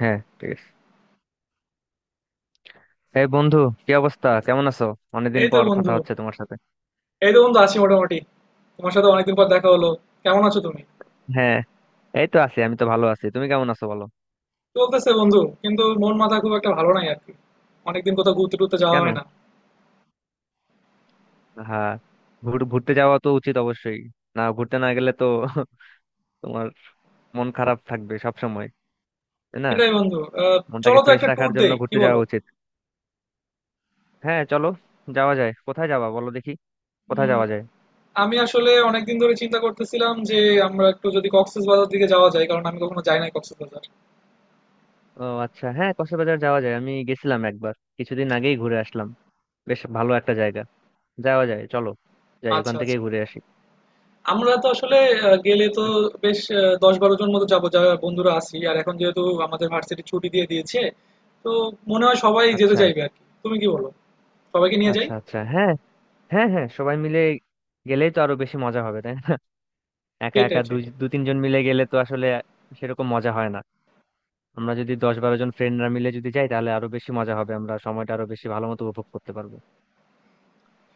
হ্যাঁ, ঠিক আছে। এই বন্ধু, কি অবস্থা? কেমন আছো? অনেকদিন এই তো পর বন্ধু কথা হচ্ছে তোমার সাথে। এই তো বন্ধু আছি মোটামুটি। তোমার সাথে অনেকদিন পর দেখা হলো, কেমন আছো তুমি? হ্যাঁ, এই তো আছি, আমি তো ভালো আছি, তুমি কেমন আছো বলো। চলতেছে বন্ধু, কিন্তু মন মাথা খুব একটা ভালো নাই আর কি। অনেকদিন কোথাও ঘুরতে টুরতে যাওয়া কেন? হয় না। হ্যাঁ, ঘুরতে যাওয়া তো উচিত অবশ্যই। না, ঘুরতে না গেলে তো তোমার মন খারাপ থাকবে সব সময়, তাই না? সেটাই বন্ধু। মনটাকে চলো তো ফ্রেশ একটা ট্যুর রাখার জন্য দেই, কি ঘুরতে বলো? যাওয়া উচিত। হ্যাঁ, চলো, যাওয়া যায়। কোথায় যাবা বলো দেখি, কোথায় উম, যাওয়া যায়? আমি আসলে অনেকদিন ধরে চিন্তা করতেছিলাম যে আমরা একটু যদি কক্সবাজার দিকে যাওয়া যায়, কারণ আমি কখনো যাই নাই কক্সবাজার। ও আচ্ছা, হ্যাঁ কক্সবাজার যাওয়া যায়, আমি গেছিলাম একবার, কিছুদিন আগেই ঘুরে আসলাম। বেশ ভালো একটা জায়গা, যাওয়া যায়, চলো যাই, আচ্ছা ওখান আচ্ছা। থেকেই ঘুরে আসি। আমরা তো আসলে গেলে তো বেশ দশ বারো জন মতো যাবো, যারা বন্ধুরা আছি। আর এখন যেহেতু আমাদের ভার্সিটি ছুটি দিয়ে দিয়েছে, তো মনে হয় সবাই যেতে আচ্ছা, চাইবে আর কি। তুমি কি বলো? সবাইকে নিয়ে যাই। আচ্ছা। আচ্ছা, হ্যাঁ, হ্যাঁ, হ্যাঁ, সবাই মিলে গেলেই তো আরো বেশি মজা হবে, তাই না? একা সেটাই একা দুই সেটাই। তিনজন মিলে গেলে তো আসলে সেরকম মজা হয় না। আমরা যদি 10-12 জন ফ্রেন্ডরা মিলে যদি যাই তাহলে আরো বেশি মজা হবে, আমরা সময়টা আরো বেশি ভালো মতো উপভোগ করতে পারবো।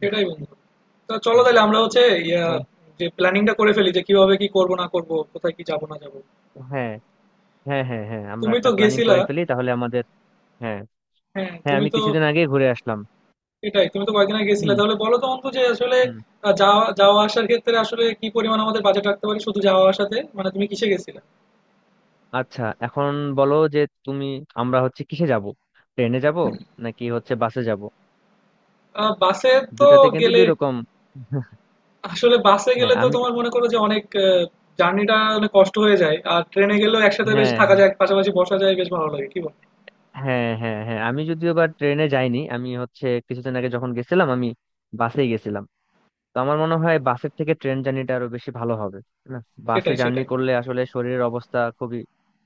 সেটাই বন্ধু। তা চলো হ্যাঁ। তাহলে আমরা হচ্ছে ইয়া তাহলে- যে প্ল্যানিংটা করে ফেলি, যে কিভাবে কি করব না করব, কোথায় কি যাব না যাব। হ্যাঁ, হ্যাঁ, হ্যাঁ, হ্যাঁ, আমরা তুমি তো একটা প্ল্যানিং গেছিলা। করে ফেলি তাহলে আমাদের। হ্যাঁ, হ্যাঁ হ্যাঁ, তুমি আমি তো, কিছুদিন আগে ঘুরে আসলাম। এটাই, তুমি তো কয়েকদিন আগে গেছিলা। হুম। তাহলে বলো তো অন্তু, যে আসলে হুম। যাওয়া যাওয়া আসার ক্ষেত্রে আসলে কি পরিমাণ আমাদের বাজেট রাখতে পারি শুধু যাওয়া আসাতে, মানে তুমি কিসে গেছিলা? আচ্ছা এখন বলো যে তুমি, আমরা হচ্ছে কিসে যাব, ট্রেনে যাব নাকি হচ্ছে বাসে যাব? বাসে। তো দুটাতে কিন্তু গেলে দুই রকম। আসলে বাসে হ্যাঁ গেলে তো, আমি তোমার মনে করো যে জার্নিটা অনেক কষ্ট হয়ে যায়। আর ট্রেনে গেলেও একসাথে বেশ হ্যাঁ থাকা হ্যাঁ যায়, পাশাপাশি বসা যায়, বেশ ভালো লাগে, কি বল? হ্যাঁ হ্যাঁ হ্যাঁ, আমি যদিও বা ট্রেনে যাইনি, আমি হচ্ছে কিছুদিন আগে যখন গেছিলাম, আমি বাসেই গেছিলাম। তো আমার মনে হয় বাসের থেকে ট্রেন জার্নিটা আরো বেশি ভালো হবে। না, বাসে সেটাই জার্নি সেটাই। করলে আসলে শরীরের অবস্থা খুবই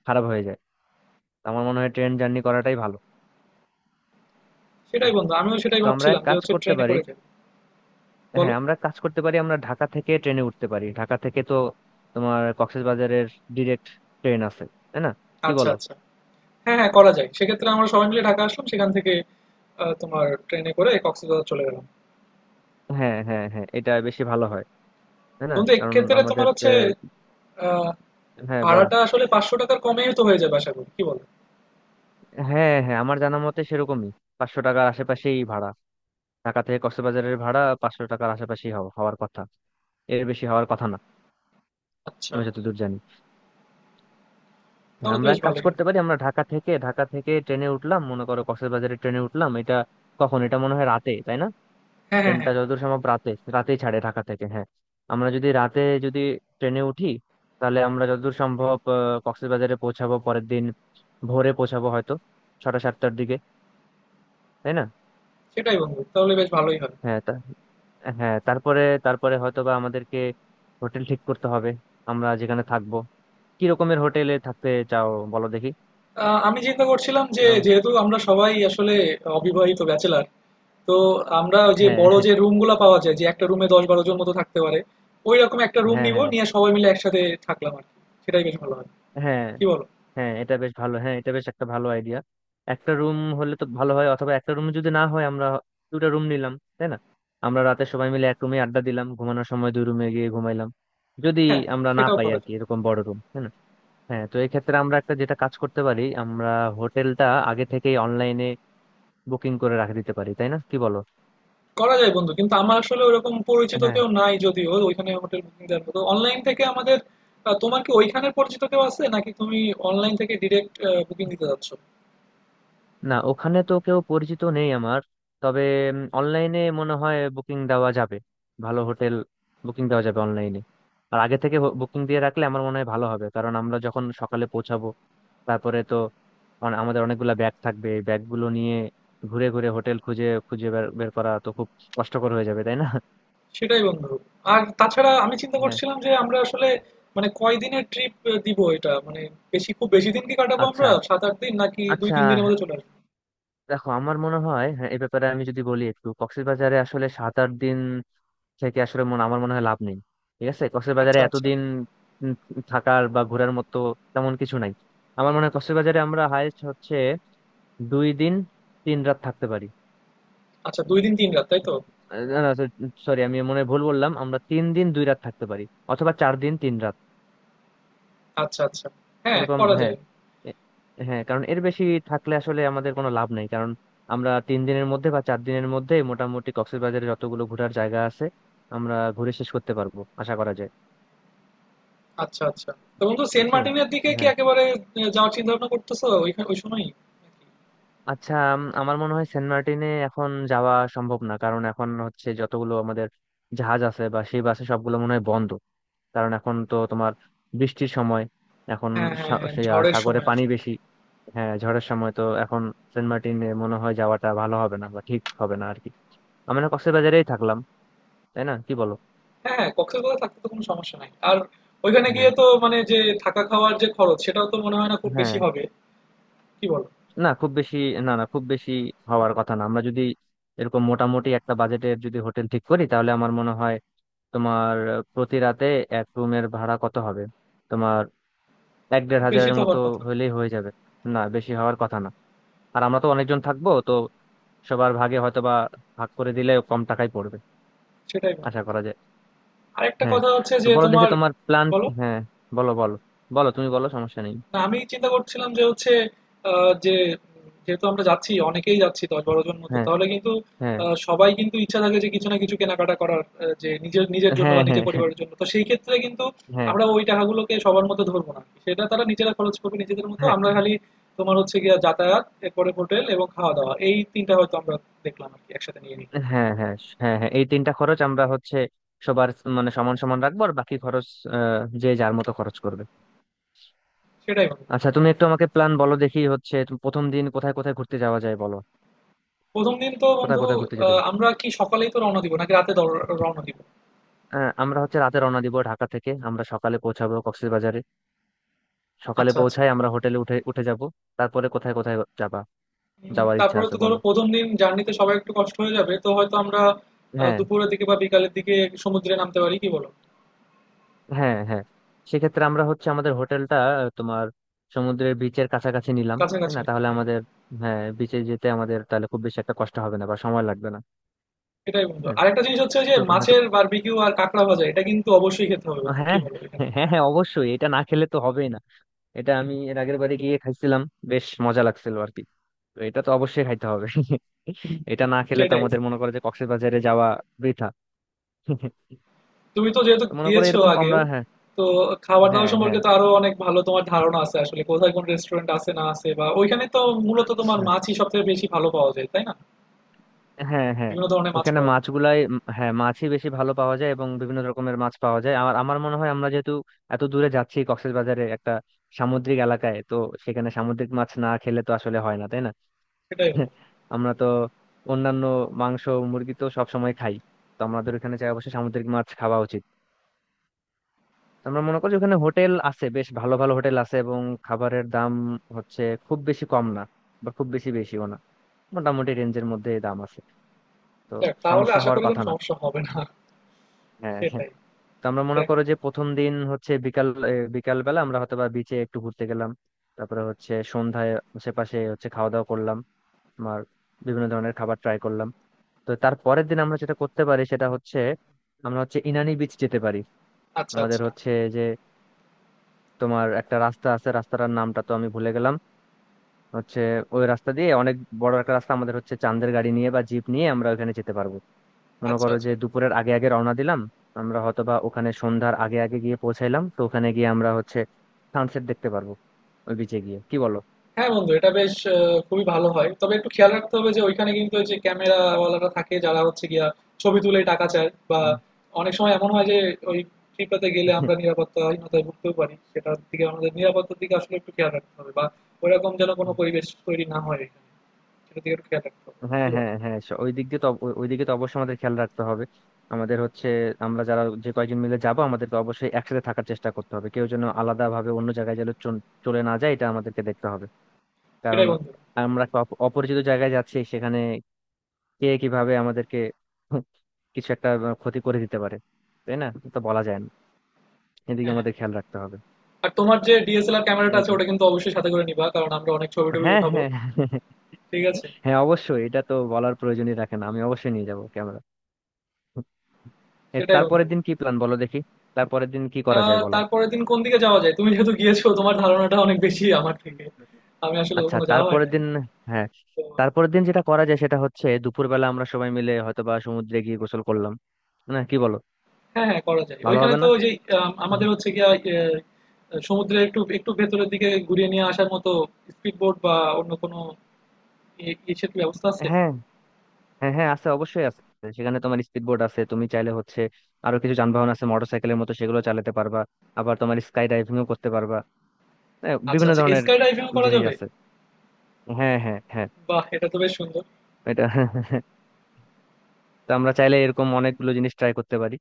খারাপ হয়ে যায়। তো আমার মনে হয় ট্রেন জার্নি করাটাই ভালো। সেটাই হ্যাঁ, বন্ধু, আমিও সেটাই তো আমরা এক ভাবছিলাম যে কাজ হচ্ছে করতে ট্রেনে পারি। করে যাবো। বলো। হ্যাঁ, আমরা এক কাজ করতে পারি, আমরা ঢাকা থেকে ট্রেনে উঠতে পারি, ঢাকা থেকে তো তোমার কক্সবাজারের ডিরেক্ট ট্রেন আছে, তাই না? কি আচ্ছা বলো? আচ্ছা, হ্যাঁ হ্যাঁ, করা যায়। সেক্ষেত্রে আমরা সবাই মিলে ঢাকা আসলাম, সেখান থেকে তোমার ট্রেনে করে কক্সবাজার চলে গেলাম। হ্যাঁ, হ্যাঁ, হ্যাঁ, এটা বেশি ভালো হয়, তাই না? বন্ধু কারণ এক্ষেত্রে তোমার আমাদের হচ্ছে আহ, হ্যাঁ বলো। ভাড়াটা আসলে ৫০০ টাকার কমেই তো হয়ে যাবে আশা করি, কি বলো? হ্যাঁ, হ্যাঁ, আমার জানা মতে সেরকমই, 500 টাকার আশেপাশেই ভাড়া। ঢাকা থেকে কক্সবাজারের ভাড়া 500 টাকার আশেপাশেই হওয়ার কথা, এর বেশি হওয়ার কথা না। আচ্ছা। আমি যতদূর জানি। হ্যাঁ, তাহলে তো আমরা বেশ এক কাজ ভালোই হবে। করতে পারি, আমরা ঢাকা থেকে ঢাকা থেকে ট্রেনে উঠলাম, মনে করো কক্সবাজারের ট্রেনে উঠলাম, এটা কখন? এটা মনে হয় রাতে, তাই না? হ্যাঁ হ্যাঁ ট্রেনটা হ্যাঁ। যতদূর সম্ভব রাতে, রাতেই ছাড়ে ঢাকা থেকে। হ্যাঁ, আমরা যদি রাতে যদি ট্রেনে উঠি, তাহলে আমরা যতদূর সম্ভব কক্সবাজারে পৌঁছাবো পরের দিন ভোরে, পৌঁছাবো হয়তো 6টা-7টার দিকে, তাই না? সেটাই বন্ধু, তাহলে বেশ ভালোই হবে। হ্যাঁ তা- হ্যাঁ, তারপরে তারপরে হয়তো বা আমাদেরকে হোটেল ঠিক করতে হবে। আমরা যেখানে থাকবো, কি রকমের হোটেলে থাকতে চাও বলো দেখি? আমি চিন্তা করছিলাম যে, এরকম। যেহেতু আমরা সবাই আসলে অবিবাহিত ব্যাচেলার, তো আমরা ওই যে হ্যাঁ, বড় যে রুমগুলো পাওয়া যায়, যে একটা রুমে ১০-১২ জন মতো থাকতে পারে, ওই রকম একটা রুম হ্যাঁ, নিব হ্যাঁ, নিয়ে সবাই মিলে একসাথে থাকলাম আর কি। সেটাই বেশ ভালো হয়, হ্যাঁ, কি বলো? হ্যাঁ, এটা বেশ ভালো, হ্যাঁ এটা বেশ একটা ভালো আইডিয়া। একটা রুম হলে তো ভালো হয়, অথবা একটা রুম যদি না হয় আমরা দুটা রুম নিলাম, তাই না? আমরা রাতে সবাই মিলে এক রুমে আড্ডা দিলাম, ঘুমানোর সময় দুই রুমে গিয়ে ঘুমাইলাম, যদি হ্যাঁ আমরা না সেটাও পাই করা আর কি যায় এরকম বড় রুম, তাই না? হ্যাঁ, তো এক্ষেত্রে আমরা একটা যেটা কাজ করতে পারি, আমরা হোটেলটা আগে থেকেই অনলাইনে বুকিং করে রাখে দিতে পারি, তাই না? কি বলো? করা যায় বন্ধু, কিন্তু আমার আসলে ওরকম পরিচিত হ্যাঁ, কেউ নাই যদিও ওইখানে হোটেল বুকিং দেওয়ার মতো অনলাইন থেকে আমাদের। তোমার কি ওইখানের পরিচিত কেউ আছে? নাকি তুমি অনলাইন থেকে ডিরেক্ট বুকিং দিতে যাচ্ছ? না, ওখানে তো কেউ পরিচিত নেই আমার। তবে অনলাইনে মনে হয় বুকিং দেওয়া যাবে, ভালো হোটেল বুকিং দেওয়া যাবে অনলাইনে। আর আগে থেকে বুকিং দিয়ে রাখলে আমার মনে হয় ভালো হবে, কারণ আমরা যখন সকালে পৌঁছাবো তারপরে তো আমাদের অনেকগুলা ব্যাগ থাকবে, এই ব্যাগগুলো নিয়ে ঘুরে ঘুরে হোটেল খুঁজে খুঁজে বের বের করা তো খুব কষ্টকর হয়ে যাবে, তাই না? সেটাই বন্ধু। আর তাছাড়া আমি চিন্তা হ্যাঁ। করছিলাম যে আমরা আসলে মানে কয়দিনের ট্রিপ দিব এটা, মানে বেশি, খুব বেশি দিন কি কাটাবো আচ্ছা, আমরা? সাত আট দিন নাকি দুই আচ্ছা। তিন দিনের মধ্যে চলে আসবো? দেখো আমার মনে হয় হ্যাঁ, এ ব্যাপারে আমি যদি বলি, একটু কক্সবাজারে আসলে 7-8 দিন থেকে আসলে আমার মনে হয় লাভ নেই। ঠিক আছে, কক্সবাজারে আচ্ছা, আচ্ছা। এতদিন উম থাকার বা ঘোরার মতো তেমন কিছু নাই। আমার মনে হয় কক্সবাজারে আমরা হায়েস্ট হচ্ছে 2 দিন 3 রাত থাকতে পারি। আচ্ছা ২ দিন ৩ রাত, তাই তো? না, না, সরি, আমি মনে হয় ভুল বললাম, আমরা 3 দিন 2 রাত থাকতে পারি, অথবা 4 দিন 3 রাত আচ্ছা, আচ্ছা। হ্যাঁ, এরকম। করা হ্যাঁ। যায়। এ- হ্যাঁ, কারণ এর বেশি থাকলে আসলে আমাদের কোনো লাভ নেই, কারণ আমরা 3 দিনের মধ্যে বা 4 দিনের মধ্যে মোটামুটি কক্সবাজারে যতগুলো ঘোরার জায়গা আছে আমরা ঘুরে শেষ করতে পারবো আশা করা যায়। আচ্ছা, আচ্ছা। তো বন্ধু সেন্ট বুঝছো? মার্টিনের দিকে কি হ্যাঁ। একেবারে যাওয়ার চিন্তাভাবনা করতেছো ওইখানে ওই সময়ই? নাকি? আচ্ছা আমার মনে হয় সেন্ট মার্টিনে এখন যাওয়া সম্ভব না, কারণ এখন হচ্ছে যতগুলো আমাদের জাহাজ আছে বা সেই বাসে সবগুলো মনে হয় বন্ধ, কারণ এখন তো তোমার বৃষ্টির সময় এখন। হ্যাঁ, হ্যাঁ, হ্যাঁ, ঝড়ের সাগরে সময় পানি আসলে। বেশি। হ্যাঁ, ঝড়ের সময় তো এখন, সেন্ট মার্টিনে মনে হয় যাওয়াটা ভালো হবে না বা ঠিক হবে না আর কি, আমরা কক্সবাজারেই থাকলাম, তাই না? কি বলো? হ্যাঁ, হ্যাঁ, কক্সবাজারে থাকতে তো কোনো সমস্যা নাই। আর ওইখানে হ্যাঁ, গিয়ে তো মানে যে থাকা খাওয়ার যে খরচ সেটাও তো মনে হয় না খুব বেশি হ্যাঁ, হবে। কি বলো? না খুব বেশি না, না খুব বেশি হওয়ার কথা না। আমরা যদি এরকম মোটামুটি একটা বাজেটের যদি হোটেল ঠিক করি তাহলে আমার মনে হয় তোমার প্রতি রাতে এক রুমের ভাড়া কত হবে তোমার, এক দেড় খুব বেশি হাজারের তো মতো হওয়ার কথা না। হইলেই হয়ে যাবে। না, বেশি হওয়ার কথা না। আর আমরা তো অনেকজন থাকবো তো সবার ভাগে হয়তো বা ভাগ করে দিলে কম টাকায় পড়বে সেটাই বন্ধু। আশা করা যায়। আরেকটা হ্যাঁ, কথা হচ্ছে তো যে বলো দেখি তোমার, তোমার প্ল্যান। বলো? হ্যাঁ, বলো, বলো, বলো, তুমি বলো, সমস্যা নেই। না আমি চিন্তা করছিলাম যে হচ্ছে আহ, যে যেহেতু আমরা যাচ্ছি, অনেকেই যাচ্ছি ১০-১২ জন মতো, হ্যাঁ, তাহলে কিন্তু হ্যাঁ, সবাই কিন্তু ইচ্ছা থাকে যে কিছু না কিছু কেনাকাটা করার যে নিজের নিজের জন্য হ্যাঁ, বা নিজের হ্যাঁ, পরিবারের জন্য। তো সেই ক্ষেত্রে কিন্তু হ্যাঁ, আমরা ওই টাকাগুলোকে সবার মতো ধরবো না, সেটা তারা নিজেরা খরচ করবে নিজেদের মতো। হ্যাঁ, আমরা খালি তোমার হচ্ছে গিয়ে যাতায়াত, এরপরে হোটেল এবং খাওয়া দাওয়া, এই তিনটা হয়তো আমরা দেখলাম আর কি, একসাথে নিয়ে নিই। হ্যাঁ, হ্যাঁ, হ্যাঁ, হ্যাঁ, এই তিনটা খরচ আমরা হচ্ছে সবার, মানে সমান সমান রাখবো, আর বাকি খরচ যে যার মতো খরচ করবে। সেটাই বন্ধু। আচ্ছা তুমি একটু আমাকে প্ল্যান বলো দেখি হচ্ছে তুমি প্রথম দিন কোথায় কোথায় ঘুরতে যাওয়া যায় বলো। প্রথম দিন তো কোথায় বন্ধু, কোথায় ঘুরতে যেতে আমরা কি সকালেই তো রওনা দিব নাকি রাতে রওনা দিব? আমরা হচ্ছে রাতে রওনা দিব ঢাকা থেকে, আমরা সকালে পৌঁছাবো কক্সবাজারে। সকালে আচ্ছা আচ্ছা। পৌঁছায় আমরা হোটেলে উঠে উঠে যাব। তারপরে কোথায় কোথায় যাবা, যাওয়ার ইচ্ছা তারপরে আছে তো ধরো বলো? ১ম দিন জার্নিতে সবার একটু কষ্ট হয়ে যাবে, তো হয়তো আমরা হ্যাঁ, দুপুরের দিকে বা বিকালের দিকে সমুদ্রে নামতে পারি, কি বলো? হ্যাঁ, হ্যাঁ, সেক্ষেত্রে আমরা হচ্ছে আমাদের হোটেলটা তোমার সমুদ্রের বিচের কাছাকাছি নিলাম, তাই কাছাকাছি। না? তাহলে হ্যাঁ। আমাদের হ্যাঁ, বিচে যেতে আমাদের তাহলে খুব বেশি একটা কষ্ট হবে না বা সময় লাগবে না। এটাই বন্ধু, হ্যাঁ, আরেকটা জিনিস হচ্ছে যে তো হ্যাঁ তো- মাছের বারবিকিউ আর কাঁকড়া ভাজা, এটা কিন্তু অবশ্যই খেতে হবে বন্ধু, কি হ্যাঁ, বলো এখানে? হ্যাঁ, হ্যাঁ, অবশ্যই এটা না খেলে তো হবেই না। এটা আমি এর আগের বারে গিয়ে খাইছিলাম, বেশ মজা লাগছিল আর কি, তো এটা তো অবশ্যই খাইতে হবে। এটা না খেলে তো সেটাই। আমাদের মনে করে যে কক্সবাজারে যাওয়া বৃথা। তুমি তো যেহেতু তো মনে করে গিয়েছো এরকম আগেও, আমরা হ্যাঁ, তো খাবার দাবার হ্যাঁ, সম্পর্কে হ্যাঁ, তো আরো অনেক ভালো তোমার ধারণা আছে আসলে কোথায় কোন রেস্টুরেন্ট আছে না আছে, বা ওইখানে তো মূলত তোমার আচ্ছা, মাছই সব থেকে বেশি ভালো পাওয়া যায়, তাই না? হ্যাঁ, হ্যাঁ, বিভিন্ন ধরনের মাছ ওখানে পাওয়া যায়। মাছগুলাই হ্যাঁ মাছই বেশি ভালো পাওয়া যায় এবং বিভিন্ন রকমের মাছ পাওয়া যায়। আমার আমার মনে হয় আমরা যেহেতু এত দূরে যাচ্ছি কক্সবাজারে একটা সামুদ্রিক এলাকায় তো, সেখানে সামুদ্রিক মাছ না খেলে তো আসলে হয় না, তাই না? সেটাই বন্ধু। আমরা তো অন্যান্য মাংস মুরগি তো সবসময় খাই, তো আমাদের ওখানে চাই অবশ্যই সামুদ্রিক মাছ খাওয়া উচিত। তো আমরা মনে করি যে ওখানে হোটেল আছে, বেশ ভালো ভালো হোটেল আছে এবং খাবারের দাম হচ্ছে খুব বেশি কম না বা খুব বেশি বেশিও না, মোটামুটি রেঞ্জের মধ্যে দাম আছে তো, যাক, তাহলে সমস্যা আশা হওয়ার করি কোনো কথা না। সমস্যা হবে না। হ্যাঁ, হ্যাঁ, সেটাই তো আমরা মনে দেখা। করো যে প্রথম দিন হচ্ছে বিকাল, বিকাল বেলা আমরা হয়তো বা বিচে একটু ঘুরতে গেলাম, তারপরে হচ্ছে সন্ধ্যায় আশেপাশে হচ্ছে খাওয়া দাওয়া করলাম। আমার বিভিন্ন ধরনের খাবার ট্রাই করলাম। তো তার পরের দিন আমরা যেটা করতে পারি সেটা হচ্ছে আমরা হচ্ছে ইনানি বিচ যেতে পারি। আচ্ছা, আমাদের আচ্ছা। হচ্ছে যে তোমার একটা রাস্তা আছে, রাস্তাটার নামটা তো আমি ভুলে গেলাম, হচ্ছে ওই রাস্তা দিয়ে অনেক বড় একটা রাস্তা, আমাদের হচ্ছে চাঁদের গাড়ি নিয়ে বা জিপ নিয়ে আমরা ওখানে যেতে পারবো। মনে আচ্ছা, করো যে আচ্ছা। দুপুরের আগে আগে রওনা দিলাম, আমরা হয়তো বা ওখানে সন্ধ্যার আগে আগে গিয়ে পৌঁছাইলাম, তো ওখানে গিয়ে আমরা হচ্ছে সানসেট দেখতে পারবো ওই বিচে গিয়ে। কি বলো? হ্যাঁ বন্ধু, এটা বেশ খুবই ভালো হয়। তবে একটু খেয়াল রাখতে হবে যে ঐখানে কিন্তু ওই যে ক্যামেরাওয়ালারা থাকে, যারা হচ্ছে গিয়া ছবি তুলে টাকা চায়, বা অনেক সময় এমন হয় যে ওই ট্রিপটাতে গেলে হুম। আমরা নিরাপত্তাহীনতায় ভুগতেও পারি। সেটার দিকে আমাদের, নিরাপত্তার দিকে আসলে একটু খেয়াল রাখতে হবে, বা ওইরকম যেন কোনো পরিবেশ তৈরি না হয় এখানে। সেটার দিকে একটু খেয়াল রাখতে হবে। কি হ্যাঁ, বলো? হ্যাঁ, হ্যাঁ, ওই দিক দিয়ে তো ওই দিকে তো অবশ্যই আমাদের খেয়াল রাখতে হবে। আমাদের হচ্ছে আমরা যারা যে কয়েকজন মিলে যাব আমাদেরকে অবশ্যই একসাথে থাকার চেষ্টা করতে হবে, কেউ যেন আলাদা ভাবে অন্য জায়গায় যেন চলে না যায়, এটা আমাদেরকে দেখতে হবে। সেটাই কারণ বন্ধু। আমরা একটা অপরিচিত জায়গায় যাচ্ছি, সেখানে কে কিভাবে আমাদেরকে কিছু একটা ক্ষতি করে দিতে পারে, তাই না? এটা তো বলা যায় না, এদিকে হ্যাঁ, হ্যাঁ। আমাদের খেয়াল রাখতে হবে। আর তোমার যে DSLR ক্যামেরাটা এই আছে, তো, ওটা কিন্তু অবশ্যই সাথে করে নিবা। কারণ আমরা অনেক ছবি-টবি হ্যাঁ, উঠাবো। হ্যাঁ, হ্যাঁ, ঠিক আছে? হ্যাঁ, অবশ্যই এটা তো বলার প্রয়োজনই রাখে না, আমি অবশ্যই নিয়ে যাবো ক্যামেরা। এ, সেটাই বন্ধু। তারপরের দিন কি প্ল্যান বলো দেখি, তারপরের দিন কি করা যায় বলো? তারপরের দিন কোন দিকে যাওয়া যায়? তুমি যেহেতু গিয়েছো, তোমার ধারণাটা অনেক বেশি আমার থেকে। আমি আসলে আচ্ছা, কখনো যাওয়া হয় তারপরের নাই। দিন হ্যাঁ, তো তারপরের দিন যেটা করা যায় সেটা হচ্ছে দুপুরবেলা আমরা সবাই মিলে হয়তোবা সমুদ্রে গিয়ে গোসল করলাম, না কি বলো? হ্যাঁ, হ্যাঁ করা যায়। ভালো ওইখানে হবে তো না? ওই যে আমাদের হচ্ছে গিয়া সমুদ্রের একটু একটু ভেতরের দিকে ঘুরিয়ে নিয়ে আসার মতো স্পিডবোট বা অন্য কোনো ইসের কি ব্যবস্থা আছে? হ্যাঁ, হ্যাঁ, হ্যাঁ, আছে, অবশ্যই আছে। সেখানে তোমার স্পিড বোট আছে, তুমি চাইলে হচ্ছে আরো কিছু যানবাহন আছে মোটরসাইকেলের মতো সেগুলো চালাতে পারবা। আবার তোমার স্কাই ডাইভিংও করতে পারবা। হ্যাঁ, আচ্ছা, বিভিন্ন আচ্ছা, ধরনের স্কাই ডাইভিং ও করা জিনিস যাবে? আছে। হ্যাঁ, হ্যাঁ, হ্যাঁ। বাহ! এটা তো বেশ সুন্দর। এটা তো আমরা চাইলে এরকম অনেকগুলো জিনিস ট্রাই করতে পারি,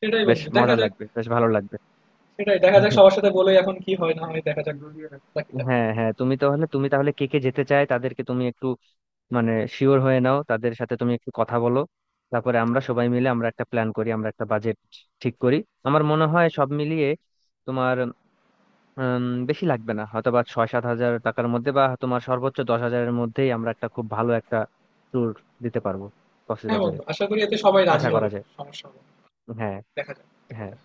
সেটাই বেশ বন্ধু, দেখা মজা যাক। লাগবে, বেশ ভালো লাগবে। সেটাই দেখা যাক, সবার সাথে বলে এখন কি হয় না হয় দেখা যাক বাকিটা। হ্যাঁ, হ্যাঁ, তুমি তাহলে কে কে যেতে চায় তাদেরকে তুমি একটু মানে শিওর হয়ে নাও, তাদের সাথে তুমি একটু কথা বলো, তারপরে আমরা সবাই মিলে আমরা একটা প্ল্যান করি, আমরা একটা বাজেট ঠিক করি। আমার মনে হয় সব মিলিয়ে তোমার বেশি লাগবে না, হয়তো বা 6-7 হাজার টাকার মধ্যে বা তোমার সর্বোচ্চ 10 হাজারের মধ্যেই আমরা একটা খুব ভালো একটা ট্যুর দিতে পারবো হ্যাঁ কক্সবাজারে বন্ধু, আশা করি এতে সবাই আশা রাজি করা হবে। যায়। সমস্যা হবে না। হ্যাঁ। দেখা যাক হ্যাঁ, বাকিটা।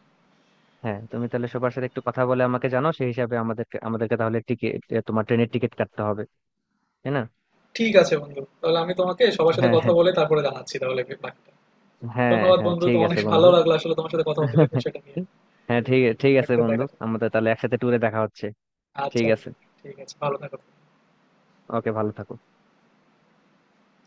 হ্যাঁ, তুমি তাহলে সবার সাথে একটু কথা বলে আমাকে জানো, সেই হিসাবে আমাদেরকে আমাদেরকে তাহলে টিকিট, তোমার ট্রেনের টিকিট কাটতে হবে, তাই না? ঠিক আছে বন্ধু। তাহলে আমি তোমাকে সবার সাথে হ্যাঁ, কথা হ্যাঁ, বলে তারপরে জানাচ্ছি তাহলে বাকিটা। হ্যাঁ, ধন্যবাদ হ্যাঁ, বন্ধু, তো ঠিক অনেক আছে ভালো বন্ধু। লাগলো আসলে তোমার সাথে কথা বলে বিষয়টা নিয়ে। হ্যাঁ, ঠিক ঠিক আছে বাকিটা বন্ধু, দেখা যাবে। আমাদের তাহলে একসাথে ট্যুরে দেখা হচ্ছে। আচ্ছা ঠিক আছে, বন্ধু, ঠিক আছে। ভালো থাকো। ওকে, ভালো থাকো।